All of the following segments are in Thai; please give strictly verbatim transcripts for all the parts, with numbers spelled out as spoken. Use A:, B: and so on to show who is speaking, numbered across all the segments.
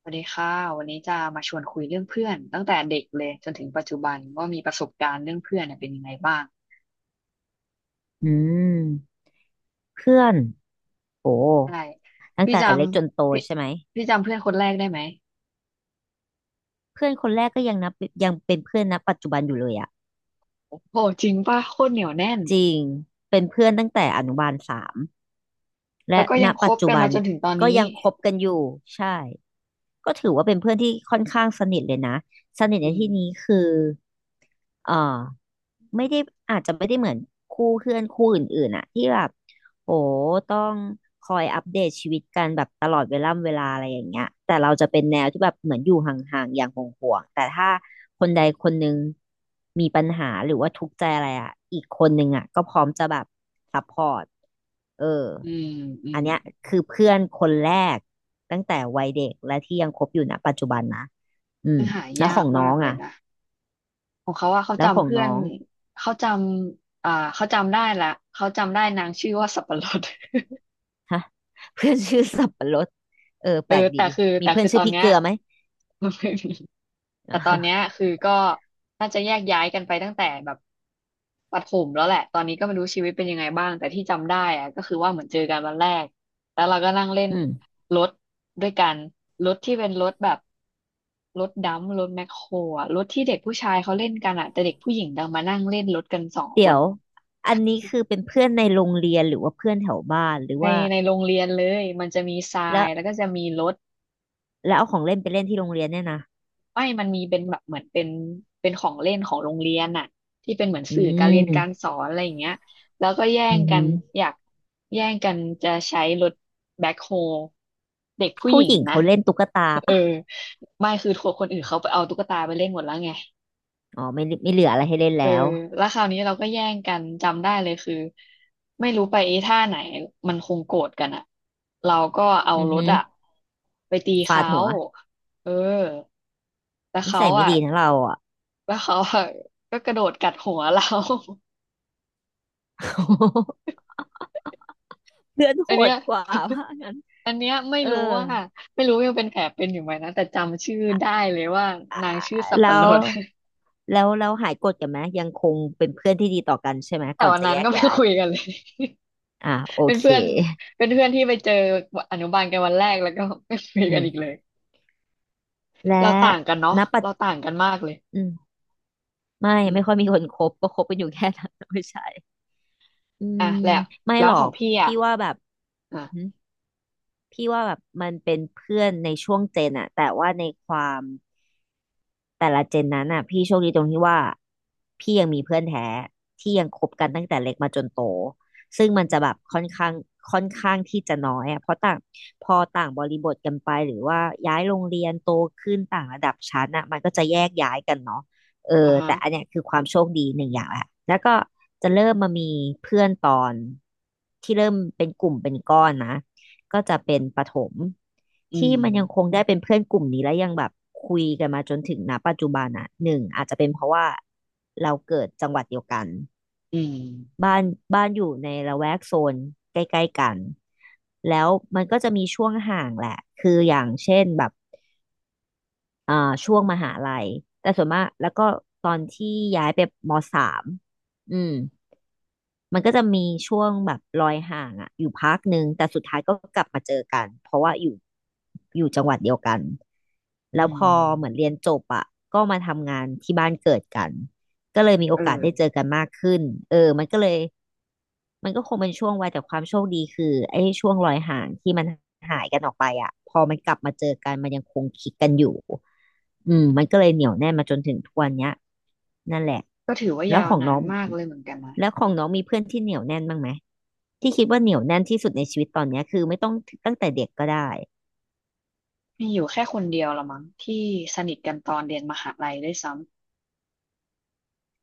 A: สวัสดีค่ะวันนี้จะมาชวนคุยเรื่องเพื่อนตั้งแต่เด็กเลยจนถึงปัจจุบันว่ามีประสบการณ์เรื่องเพื่อนเนี่ยเป็นยังไงบ้าง
B: อืมเพื่อนโอ้
A: ใช่
B: ตั้ง
A: พี่
B: แต่
A: จ
B: เล็กจนโต
A: ำพี่
B: ใช่ไหม
A: พี่จำเพื่อนคนแรกได้ไหม
B: เพื่อนคนแรกก็ยังนับยังเป็นเพื่อนณปัจจุบันอยู่เลยอะ
A: โอ้โหจริงป่ะโคตรเหนียวแน่น
B: จริงเป็นเพื่อนตั้งแต่อนุบาลสามและ
A: แล้วก็
B: ณ
A: ยังค
B: ปัจ
A: บ
B: จุ
A: กัน
B: บั
A: มา
B: น
A: จนถึงตอน
B: ก็
A: นี้
B: ยังคบกันอยู่ใช่ก็ถือว่าเป็นเพื่อนที่ค่อนข้างสนิทเลยนะสนิท
A: อื
B: ใน
A: ม
B: ที่นี้คือเอ่อไม่ได้อาจจะไม่ได้เหมือนคู่เพื่อนคู่อื่นๆอะที่แบบ โหต้องคอยอัปเดตชีวิตกันแบบตลอดเวลาำเวลาอะไรอย่างเงี้ยแต่เราจะเป็นแนวที่แบบเหมือนอยู่ห่างๆอย่างห่วงๆแต่ถ้าคนใดคนหนึ่งมีปัญหาหรือว่าทุกข์ใจอะไรอ่ะอีกคนหนึ่งอ่ะก็พร้อมจะแบบซัพพอร์ตเออ
A: อืมอื
B: อั
A: ม
B: นเนี้ยคือเพื่อนคนแรกตั้งแต่วัยเด็กและที่ยังคบอยู่ณปัจจุบันนะอืม
A: ซึ่งหา
B: แล้วข
A: ยา
B: อ
A: ก
B: งน้
A: มา
B: อ
A: ก
B: ง
A: เลย
B: อ่ะ
A: นะของเขาว่าเขา
B: แล้วข
A: จำ
B: อง
A: เพื่อ
B: น้
A: น
B: อง
A: เขาจำอ่าเขาจำได้ละเขาจำได้นางชื่อว่าสับปะรด
B: ฮะ เพื่อนชื่อสับปะรดเออ
A: เอ
B: แป
A: อ
B: ลกดี
A: แต่คือ
B: มี
A: แต่
B: เพื่อ
A: คื
B: น
A: อต
B: ชื่อ
A: อน
B: พริก
A: เนี้ย
B: เกลือไหม
A: ไม่มี แต่ตอนเนี้ยคือก็น่าจะแยกย้ายกันไปตั้งแต่แบบประถมแล้วแหละตอนนี้ก็ไม่รู้ชีวิตเป็นยังไงบ้างแต่ที่จำได้อะก็คือว่าเหมือนเจอกันวันแรกแล้วเราก็นั่งเล่น
B: อืม
A: รถด้วยกันรถที่เป็นรถแบบรถดัมป์รถแมคโครอะรถที่เด็กผู้ชายเขาเล่นกันอะแต่เด็กผู้หญิงดังมานั่งเล่นรถกันสองค
B: เดี๋ย
A: น
B: วอันนี้คือเป็นเพื่อนในโรงเรียนหรือว่าเพื่อนแถวบ้านหรือ
A: ใน
B: ว่า
A: ในโรงเรียนเลยมันจะมีทรา
B: แล้
A: ย
B: ว
A: แล้วก็จะมีรถ
B: แล้วเอาของเล่นไปเล่นที่โรงเรียนเนี่ยนะ
A: ไม่มันมีเป็นแบบเหมือนเป็นเป็นของเล่นของโรงเรียนน่ะที่เป็นเหมือน
B: อื
A: สื่อการเรียนการ
B: ม
A: สอนอะไรอย่างเงี้ยแล้วก็แย่
B: อื
A: ง
B: อ
A: กั
B: หื
A: น
B: อ
A: อยากแย่งกันจะใช้รถแบ็คโฮเด็กผู้ห
B: ผู้
A: ญิ
B: ห
A: ง
B: ญิง
A: นะ
B: เขาเล่นตุ๊กตา
A: เออ
B: ปะ
A: ไม่คือทัวคนอื่นเขาไปเอาตุ๊กตาไปเล่นหมดแล้วไง
B: อ๋อไม่ไม่เหลืออะไรให้เล่น
A: เออ
B: แล้ว
A: แล้วคราวนี้เราก็แย่งกันจำได้เลยคือไม่รู้ไปไอ้ท่าไหนมันคงโกรธกันอะเราก็เอา
B: อือ
A: ร
B: หื
A: ถ
B: อ
A: อะไปตี
B: ฟาด
A: เขา
B: หัว
A: เออแต่
B: นิ
A: เขา
B: สัยไม่
A: อะ
B: ดีทั้งเราอ่ะ
A: แล้วเขาอะก็กระโดดกัดหัวเรา
B: เพื่อน โห
A: อันเนี้ย
B: ดกว่าว่างั้น
A: อันเนี้ยไม่
B: เออ
A: รู้ว่าไม่รู้ยังเป็นแผลเป็นอยู่ไหมนะแต่จำชื่อได้เลยว่านางชื่อสับ
B: แล้
A: ปะร
B: ว
A: ด
B: แล้วเราหายโกรธกันไหมยังคงเป็นเพื่อนที่ดีต่อกันใช่ไหม
A: แต่
B: ก่อน
A: วัน
B: จะ
A: นั้น
B: แยก
A: ก็ไม่
B: ย้าย
A: คุยกันเลย
B: อ่ะโอ
A: เป็น
B: เค
A: เพื่อนเป็นเพื่อนที่ไปเจออนุบาลกันวันแรกแล้วก็ไม่คุยกั
B: อื
A: นอีก
B: ม
A: เลย
B: และ
A: เราต่างกันเนาะ
B: ณปัจ
A: เราต่างกันมากเลย
B: อืม ไม่
A: อื
B: ไม่ค่
A: ม
B: อยมีคนคบก็คบกันอยู่แค่นั้น ไม่ใช่อื
A: อ่ะ
B: ม
A: แหละ
B: ไม่
A: แล้
B: ห
A: ว
B: รอ
A: ของ
B: ก
A: พี่อ่ะ
B: พี่ว่าแบบ
A: อ่ะ
B: อื้อหือพี่ว่าแบบมันเป็นเพื่อนในช่วงเจนอะแต่ว่าในความ แต่ละเจนนั้นอ่ะพี่โชคดีตรงที่ว่าพี่ยังมีเพื่อนแท้ที่ยังคบกันตั้งแต่เล็กมาจนโตซึ่งมัน
A: อื
B: จะแบบ
A: ม
B: ค่อนข้างค่อนข้างที่จะน้อยอ่ะเพราะต่างพอต่างบริบทกันไปหรือว่าย้ายโรงเรียนโตขึ้นต่างระดับชั้นอ่ะมันก็จะแยกย้ายกันเนาะเออ
A: อ่ะฮะ
B: แต่อันเนี้ยคือความโชคดีหนึ่งอย่างแหละแล้วก็จะเริ่มมามีเพื่อนตอนที่เริ่มเป็นกลุ่มเป็นก้อนนะ ก็จะเป็นประถม
A: อื
B: ที่
A: ม
B: มันยังคงได้เป็นเพื่อนกลุ่มนี้และยังแบบคุยกันมาจนถึงณปัจจุบันอ่ะหนึ่งอาจจะเป็นเพราะว่าเราเกิดจังหวัดเดียวกัน
A: อืม
B: บ้านบ้านอยู่ในละแวกโซนใกล้ๆกันแล้วมันก็จะมีช่วงห่างแหละคืออย่างเช่นแบบอ่าช่วงมหาลัยแต่ส่วนมากแล้วก็ตอนที่ย้ายไปมสามอืม มันก็จะมีช่วงแบบลอยห่างอะอยู่พักหนึ่งแต่สุดท้ายก็กลับมาเจอกันเพราะว่าอยู่อยู่จังหวัดเดียวกันแล้
A: อื
B: วพอ
A: ม
B: เหมือนเรียนจบอะก็มาทำงานที่บ้านเกิดกันก็เลยมีโอ
A: เออ
B: กาสได้เจอกันมากขึ้นเออมันก็เลย มันก็คงเป็นช่วงวัยแต่ความโชคดีคือไอ้ช่วงรอยห่างที่มันหายกันออกไปอ่ะพอมันกลับมาเจอกันมันยังคงคลิกกันอยู่อืมมันก็เลยเหนียวแน่นมาจนถึงทุกวันเนี้ยนั่นแหละ
A: ก็ถือว่า
B: แล้ว
A: ยาว
B: ของ
A: นา
B: น้อ
A: น
B: ง
A: มากเลยเหมือนกันนะ
B: แล้วของน้องมีเพื่อนที่เหนียวแน่นบ้างไหมที่คิดว่าเหนียวแน่นที่สุดในชีวิตตอนเนี้ยคือไม่ต้องตั้งแต่เด็กก็ได้
A: มีอยู่แค่คนเดียวละมั้งที่สนิทกันตอนเรียนมหาลัยด้วยซ้ำ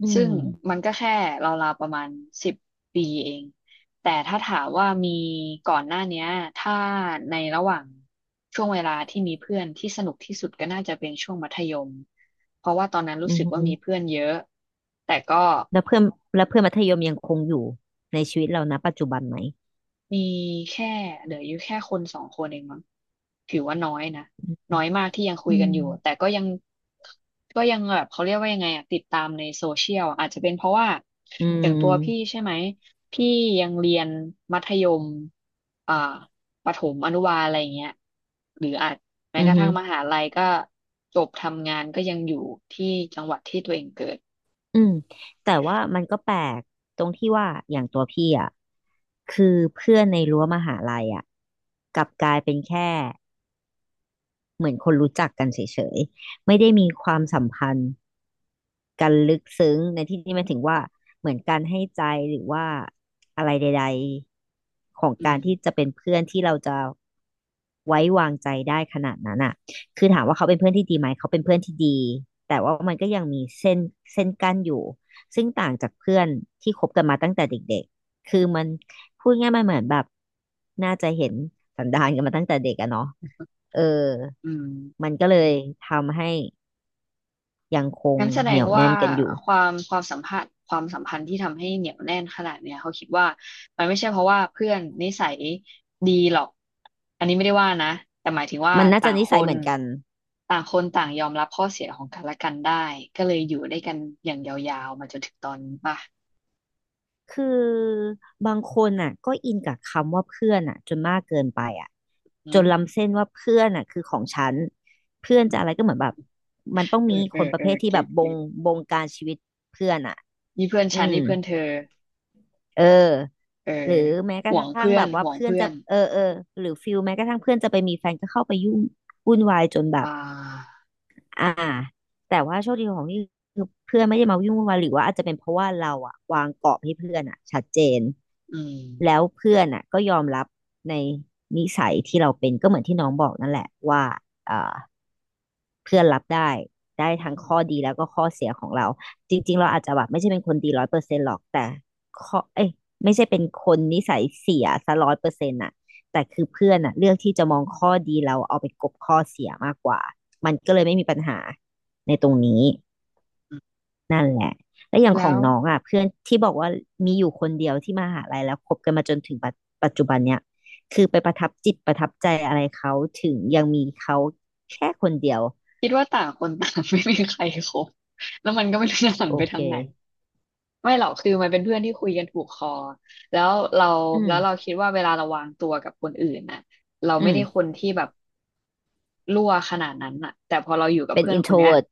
B: อื
A: ซึ่ง
B: ม
A: มันก็แค่ราวๆประมาณสิบปีเองแต่ถ้าถามว่ามีก่อนหน้าเนี้ยถ้าในระหว่างช่วงเวลาที่มีเพื่อนที่สนุกที่สุดก็น่าจะเป็นช่วงมัธยมเพราะว่าตอนนั้นรู้
B: อื
A: สึกว่า
B: อ
A: มีเพื่
B: อ
A: อนเยอะแต่ก็
B: แล้วเพื่อนแล้วเพื่อนมัธยมยังคงอยู่ในชีวิตเรานะปัจจุบันไหม
A: มีแค่เหลืออยู่แค่คนสองคนเองมั้งถือว่าน้อยนะน้อยมากที่ยังคุ
B: อื
A: ยกันอ
B: ม
A: ยู่แต่ก็ยังก็ยังแบบเขาเรียกว่ายังไงอะติดตามในโซเชียลอาจจะเป็นเพราะว่า
B: อื
A: อย่างตัวพี่
B: ม
A: ใช่ไหมพี่ยังเรียนมัธยมอ่าประถมอนุบาลอะไรอย่างเงี้ยหรืออาจแม้
B: อื
A: ก
B: อ
A: ระ
B: หื
A: ทั่
B: อ
A: งมหาลัยก็จบทำงานก็ยังอยู่ที่จังหวัดที่ตัวเองเกิด
B: อืมแต่ว่ามันก็แปลกตรงที่ว่าอย่างตัวพี่อ่ะคือเพื่อนในรั้วมหาลัยอ่ะกลับกลายเป็นแค่เหมือนคนรู้จักกันเฉยๆไม่ได้มีความสัมพันธ์ การลึกซึ้งในที่นี้หมายถึงว่าเหมือนการให้ใจหรือว่าอะไรใดๆของ
A: อื
B: การ
A: ม
B: ที่จะเป็นเพื่อนที่เราจะไว้วางใจได้ขนาดนั้นอ่ะคือถามว่าเขาเป็นเพื่อนที่ดีไหมเขาเป็นเพื่อนที่ดีแต่ว่ามันก็ยังมีเส้นเส้นกั้นอยู่ซึ่งต่างจากเพื่อนที่คบกันมาตั้งแต่เด็กๆคือมันพูดง่ายๆมันเหมือนแบบน่าจะเห็นสันดานกันมาตั้งแต่เด็กอะเนาะเออ
A: อืม
B: มันก็เลยทำให้ยังคง
A: งั้นแสด
B: เหนี
A: ง
B: ยว
A: ว่า
B: แน่นกันอยู่
A: ความความสัมพันธ์ความสัมพันธ์ที่ทำให้เหนียวแน่นขนาดเนี้ยเขาคิดว่ามันไม่ใช่เพราะว่าเพื่อนนิสัยดีหรอกอันนี้ไม่ได้ว่านะแต่หมายถึงว่า
B: มันน่า
A: ต่า
B: จะ
A: ง
B: นิ
A: ค
B: สัย
A: น
B: เหมือนกัน
A: ต่างคนต่างยอมรับข้อเสียของกันและกันได้ก็เลยอยู่ได้กันอย่างยาวๆมาจนถึงตอนนี้ป่ะ
B: คือบางคนอ่ะก็อินกับคำว่าเพื่อนอ่ะจนมากเกินไปอ่ะ
A: อื
B: จ
A: ม
B: นล้ำเส้นว่าเพื่อนอ่ะคือของฉัน เพื่อนจะอะไรก็เหมือนแบบมันต้อง
A: เอ
B: มี
A: อเอ
B: คน
A: อ
B: ประ
A: เออ
B: เภทที่แบ
A: เก็ต
B: บบ
A: เก็
B: ง
A: ต
B: บงการชีวิตเพื่อนอ่ะ
A: นี่เพื่อน
B: อื
A: ฉัน
B: ม
A: นี่เพื่อนเธอ
B: เออ
A: เออ
B: หรือแม้ก
A: ห่
B: ระ
A: วง
B: ทั่ง
A: เพื่อ
B: แบ
A: น
B: บว่า
A: ห่วง
B: เพื่อน
A: เพื่อ
B: จะ
A: น
B: เออเออหรือฟิลแม้กระทั่งเพื่อนจะไปมีแฟนก็เข้าไปยุ่งวุ่นวายจนแบ
A: อ่
B: บ
A: า
B: อ่าแต่ว่าโชคดีของพี่คือเพื่อนไม่ได้มาวิ่งวุ่นวายหรือว่าอาจจะเป็นเพราะว่าเราอะวางกรอบให้เพื่อนอะชัดเจน
A: อืม
B: แล้วเพื่อนอะก็ยอมรับในนิสัยที่เราเป็นก็เหมือนที่น้องบอกนั่นแหละว่าเอ่อ เพื่อนรับได้ได้
A: อื
B: ทั้งข้
A: ม
B: อดีแล้วก็ข้อเสียของเราจริงๆเราอาจจะแบบไม่ใช่เป็นคนดีร้อยเปอร์เซ็นต์หรอกแต่ข้อเอ้ยไม่ใช่เป็นคนนิสัยเสียซะร้อยเปอร์เซ็นต์อะแต่คือเพื่อนอะเลือกที่จะมองข้อดีเราเอาไปกลบข้อเสียมากกว่ามันก็เลยไม่มีปัญหาในตรงนี้นั่นแหละและอย่างข
A: แล้
B: อง
A: ว
B: น้องอ่ะเพื่อนที่บอกว่ามีอยู่คนเดียวที่มหาลัยแล้วคบกันมาจนถึงปัจปัจจุบันเนี่ยคือไปประทับจิตประทับใจอะไรเขาถึงยังมีเขาแค่คนเดียว
A: คิดว่าต่างคนต่าง ไม่มีใครคบ แล้วมันก็ไม่รู้จะหัน
B: โอ
A: ไป
B: เค
A: ทางไหนไม่หรอกคือมันเป็นเพื่อนที่คุยกันถูกคอแล้วเรา
B: อืม
A: แล้วเราคิดว่าเวลาเราวางตัวกับคนอื่นน่ะเรา
B: อื
A: ไม่ได้ค
B: ม
A: นที่แบบรั่วขนาดนั้นน่ะแต่พอเราอยู่กับ
B: เป็น
A: เพื่อนคนเนี้ย
B: อินโทรเวิร์ต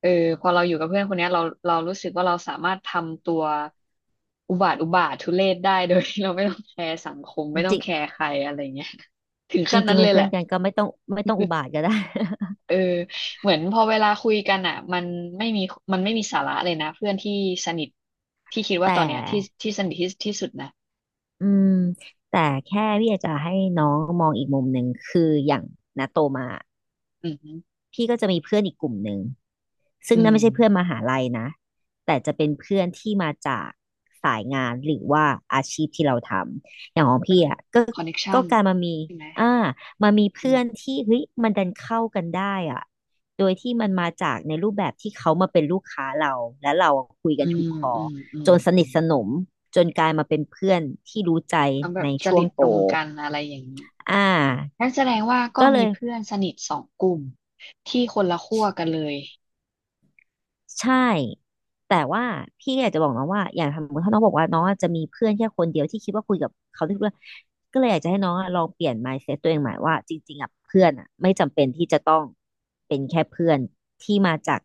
A: เออพอเราอยู่กับเพื่อนคนเนี้ยเราเรารู้สึกว่าเราสามารถทำตัวอุบาทอุบาททุเรศได้ โดยที่เราไม่ต้องแคร์สังคมไม่ต้อ
B: จ
A: ง
B: ริง
A: แคร์ใครอะไรเงี้ยถึง
B: จ
A: ขั้น
B: ริ
A: นั้
B: ง
A: น
B: ๆ
A: เล
B: เป็น
A: ยแห
B: เพื่อ
A: ละ
B: นกันก็ไม่ต้องไม่ต้องอุบาทก็ได้
A: เออเหมือนพอเวลาคุยกันอ่ะมันไม่มีมันไม่มีสาระเลยนะเพื่อนที่สนิทที่คิ ดว่า
B: แต่
A: ตอนเนี้ยที่ที่สนิทที่ที่สุดนะ
B: อืมแต่แค่พี่อยากจะให้น้องมองอีกมุมหนึ่งคืออย่างณโตมา
A: อืม
B: พี่ก็จะมีเพื่อนอีกกลุ่มหนึ่งซึ่
A: อื
B: งนั่น
A: ม
B: ไม่ใช่เพื่อนมหาลัยนะแต่จะเป็นเพื่อนที่มาจากสายงานหรือว่าอาชีพที่เราทำอย่างของ
A: ก็
B: พี่
A: คือ
B: อ่ะก็
A: คอนเนคชั
B: ก็
A: น
B: การมามี
A: ใช่ไหม
B: อ่ามามี
A: อื
B: เพื่อน
A: ม
B: ที่เฮ้ยมันดันเข้ากันได้อ่ะโดยที่มันมาจากในรูปแบบที่เขามาเป็นลูกค้าเราและเราคุย
A: อื
B: กันถูก
A: ม
B: คอ
A: อืมอื
B: จ
A: ม
B: นส
A: อื
B: นิท
A: ม
B: สนมจนกลายมาเป็นเพื่อนที่รู้ใจ
A: ทำแบ
B: ใน
A: บจ
B: ช่ว
A: ริ
B: ง
A: ตต
B: โต
A: รงกันอะไรอย่างนี้
B: อ่า
A: นั่นแสดงว่าก็
B: ก็เล
A: มี
B: ย
A: เพื่อนสนิทสองกลุ่มที่คนละขั้วกันเลย
B: ใช่ แต่ว่าพี่อยากจะบอกน้องว่าอย่างสมมติถ้าน้องบอกว่าน้องจะมีเพื่อนแค่คนเดียวที่คิดว่าคุยกับเขาได้ทุกเรื่องก็เลยอยากจะให้น้องอะลองเปลี่ยน มายด์เซ็ต ตัวเองใหม่ว่าจริงๆอ่ะเพื่อนอ่ะไม่จำเป็นที่จะต้องเป็นแค่เพื่อนที่มาจาก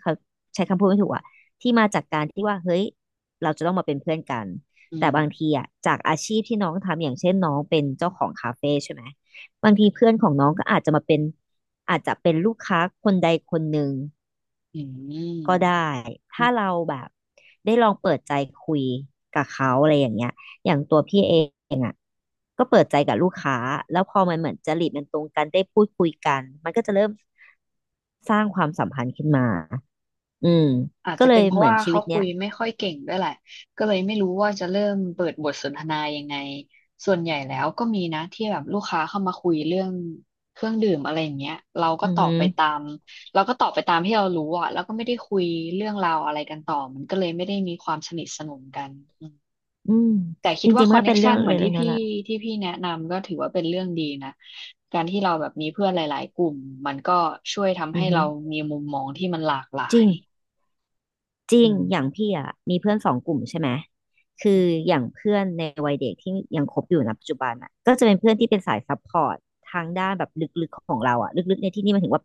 B: เขาใช้คำพูดไม่ถูกอ่ะที่มาจากการที่ว่าเฮ้ยเราจะต้องมาเป็นเพื่อนกัน
A: อื
B: แต่
A: ม
B: บางทีอ่ะจากอาชีพที่น้องทำอย่างเช่นน้องเป็นเจ้าของคาเฟ่ใช่ไหมบางทีเพื่อนของน้องก็อาจจะมาเป็นอาจจะเป็นลูกค้าคนใดคนหนึ่ง
A: อื
B: ก็
A: ม
B: ได้ ถ้าเราแบบได้ลองเปิดใจคุยกับเขาอะไรอย่างเงี้ยอย่างตัวพี่เองอ่ะก็เปิดใจกับลูกค้าแล้วพอมันเหมือนจริตมันตรงกันได้พูดคุยกันมันก็จะเริ่มสร้างความสัมพันธ์ขึ้นมาอืม
A: อาจ
B: ก็
A: จะ
B: เล
A: เป็น
B: ย
A: เพราะ
B: เหมือน
A: ว่า
B: ชี
A: เขา
B: วิต
A: คุ
B: เนี้
A: ย
B: ย
A: ไม่ค่อยเก่งด้วยแหละก็เลยไม่รู้ว่าจะเริ่มเปิดบทสนทนายังไง ส่วนใหญ่แล้วก็มีนะที่แบบลูกค้าเข้ามาคุยเรื่องเครื่องดื่มอะไรอย่างเงี้ยเราก็
B: อือ
A: ตอ
B: หื
A: บ
B: อ
A: ไปตาม เราก็ตอบไปตามที่เรารู้อ่ะแล้วก็ไม่ได้คุยเรื่องราวอะไรกันต่อมันก็เลยไม่ได้มีความสนิทสนมกันอืม
B: อืม
A: แต่คิ
B: จ
A: ดว่า
B: ริงๆ
A: ค
B: มัน
A: อน
B: ก็
A: เน็
B: เป็
A: ก
B: นเรื่
A: ชั
B: อง
A: นเหมือน
B: เล็
A: ที่
B: กๆน้อยๆ
A: พี่
B: ละ
A: ที่พี่แนะนำก็ถือว่าเป็นเรื่องดีนะการที่เราแบบมีเพื่อนหลายๆกลุ่มมันก็ช่วยทำ
B: อื
A: ให้
B: อหือ
A: เรามีมุมมองที่มันหลากห
B: จ
A: ลา
B: ริ
A: ย
B: ง จริ
A: อื
B: งอย่าง
A: ม
B: พี่อ่ะมีเพื่อนสองกลุ่มใช่ไหมคืออย่างเพื่อนในวัยเด็กที่ยังคบอยู่นะปัจจุบันอ่ะก็จะเป็นเพื่อนที่เป็นสายซัพพอร์ตทางด้านแบบลึกๆของเราอ่ะลึกๆในที่นี่มันถึงว่า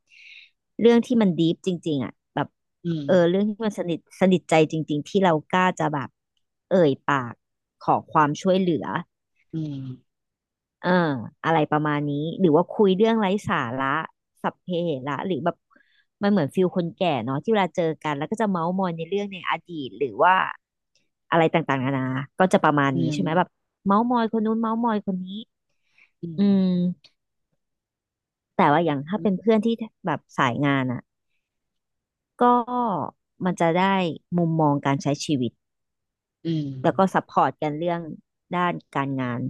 B: เรื่องที่มันดีฟจริงๆอ่ะแบบ
A: อืม
B: เออเรื่องที่มันสนิทสนิทใจจริงๆที่เรากล้าจะแบบเอ่ยปากขอความช่วยเหลือ
A: อืม
B: เอออะไรประมาณนี้หรือว่าคุยเรื่องไร้สาระสัพเพเหระหรือแบบมันเหมือนฟิลคนแก่เนาะที่เวลาเจอกันแล้วก็จะเม้าท์มอยในเรื่องในอดีตหรือว่า อะไรต่างๆนานาก็จะประมาณ
A: อื
B: นี้
A: ม
B: ใช่ไหม แบบเมาส์มอยคนนู้นเมาส์มอยคนนี้
A: อื
B: อืม
A: ม
B: แต่ว่าอย่างถ้า
A: อื
B: เป็น
A: ม
B: เพื่อนที่แบบสายงานอ่ะก็มันจะได้มุมมองการใช้ชีวิต แล้วก็ซัพพอร์ตกันเรื่องด้านการงาน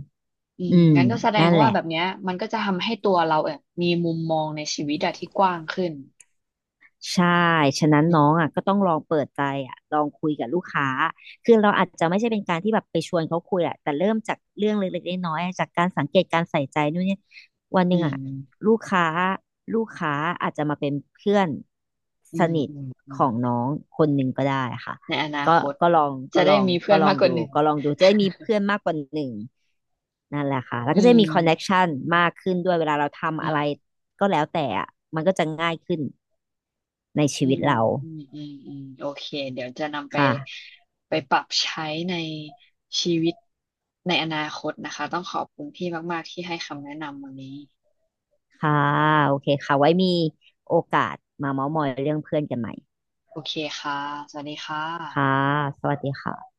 A: อืม
B: อืม
A: งั้นก็แสดง
B: นั่นแห
A: ว่า
B: ละ
A: แบบเนี้ยมันก็จะทำให้ตัวเราเออมีมุมมองในชีวิตอะที่กว้างขึ้น
B: ใช่ฉะนั้น
A: อื
B: น้อ
A: ม
B: งอ่ะก็ต้องลองเปิดใจอ่ะลองคุยกับลูกค้าคือเราอาจจะไม่ใช่เป็นการที่แบบไปชวนเขาคุยแหละแต่เริ่มจากเรื่องเล็กๆน้อยๆจากการสังเกตการใส่ใจนู่นเนี่ยวันห
A: อื
B: นึ่งอ่ะ
A: ม
B: ลูกค้าลูกค้าอาจจะมาเป็นเพื่อน
A: อื
B: ส
A: ม
B: นิท
A: อืมอื
B: ข
A: ม
B: องน้องคนหนึ่งก็ได้ค่ะ
A: ในอนา
B: ก็
A: คต
B: ก็ลอง
A: จะ
B: ก็ล
A: ได้
B: อง
A: มีเพื่
B: ก็
A: อน
B: ลอ
A: มาก
B: ง
A: ก
B: ดู
A: ว่าหนึ่ง
B: ก็ลองดูจะได้มีเพื่อนมากกว่าหนึ่งนั่นแหละค่ะแล้วก็
A: อื
B: จะได้
A: ม
B: มีคอนเน็กชันมากขึ้นด้วยเวลาเราทำ
A: อื
B: อะไร
A: ม
B: ก็แล้วแต่อ่ะมันก็จะง่ายขึ้นใน
A: อื
B: ชีวิต
A: ม
B: เรา
A: อืมอืมอืมโอเคเดี๋ยวจะนำไป
B: ค่ะ
A: ไปปรับใช้ในชีวิตในอนาคตนะคะต้องขอบคุณพี่มากๆที่ให้คำแนะนำวันนี้
B: ค่ะ โอเคค่ะ ไว้มีโอกาสมาเม้าท์มอยเรื่องเพื่อนกันใหม่
A: โอเคค่ะ สวัสดีค่ะ
B: ค่ะ สวัสดีค่ะ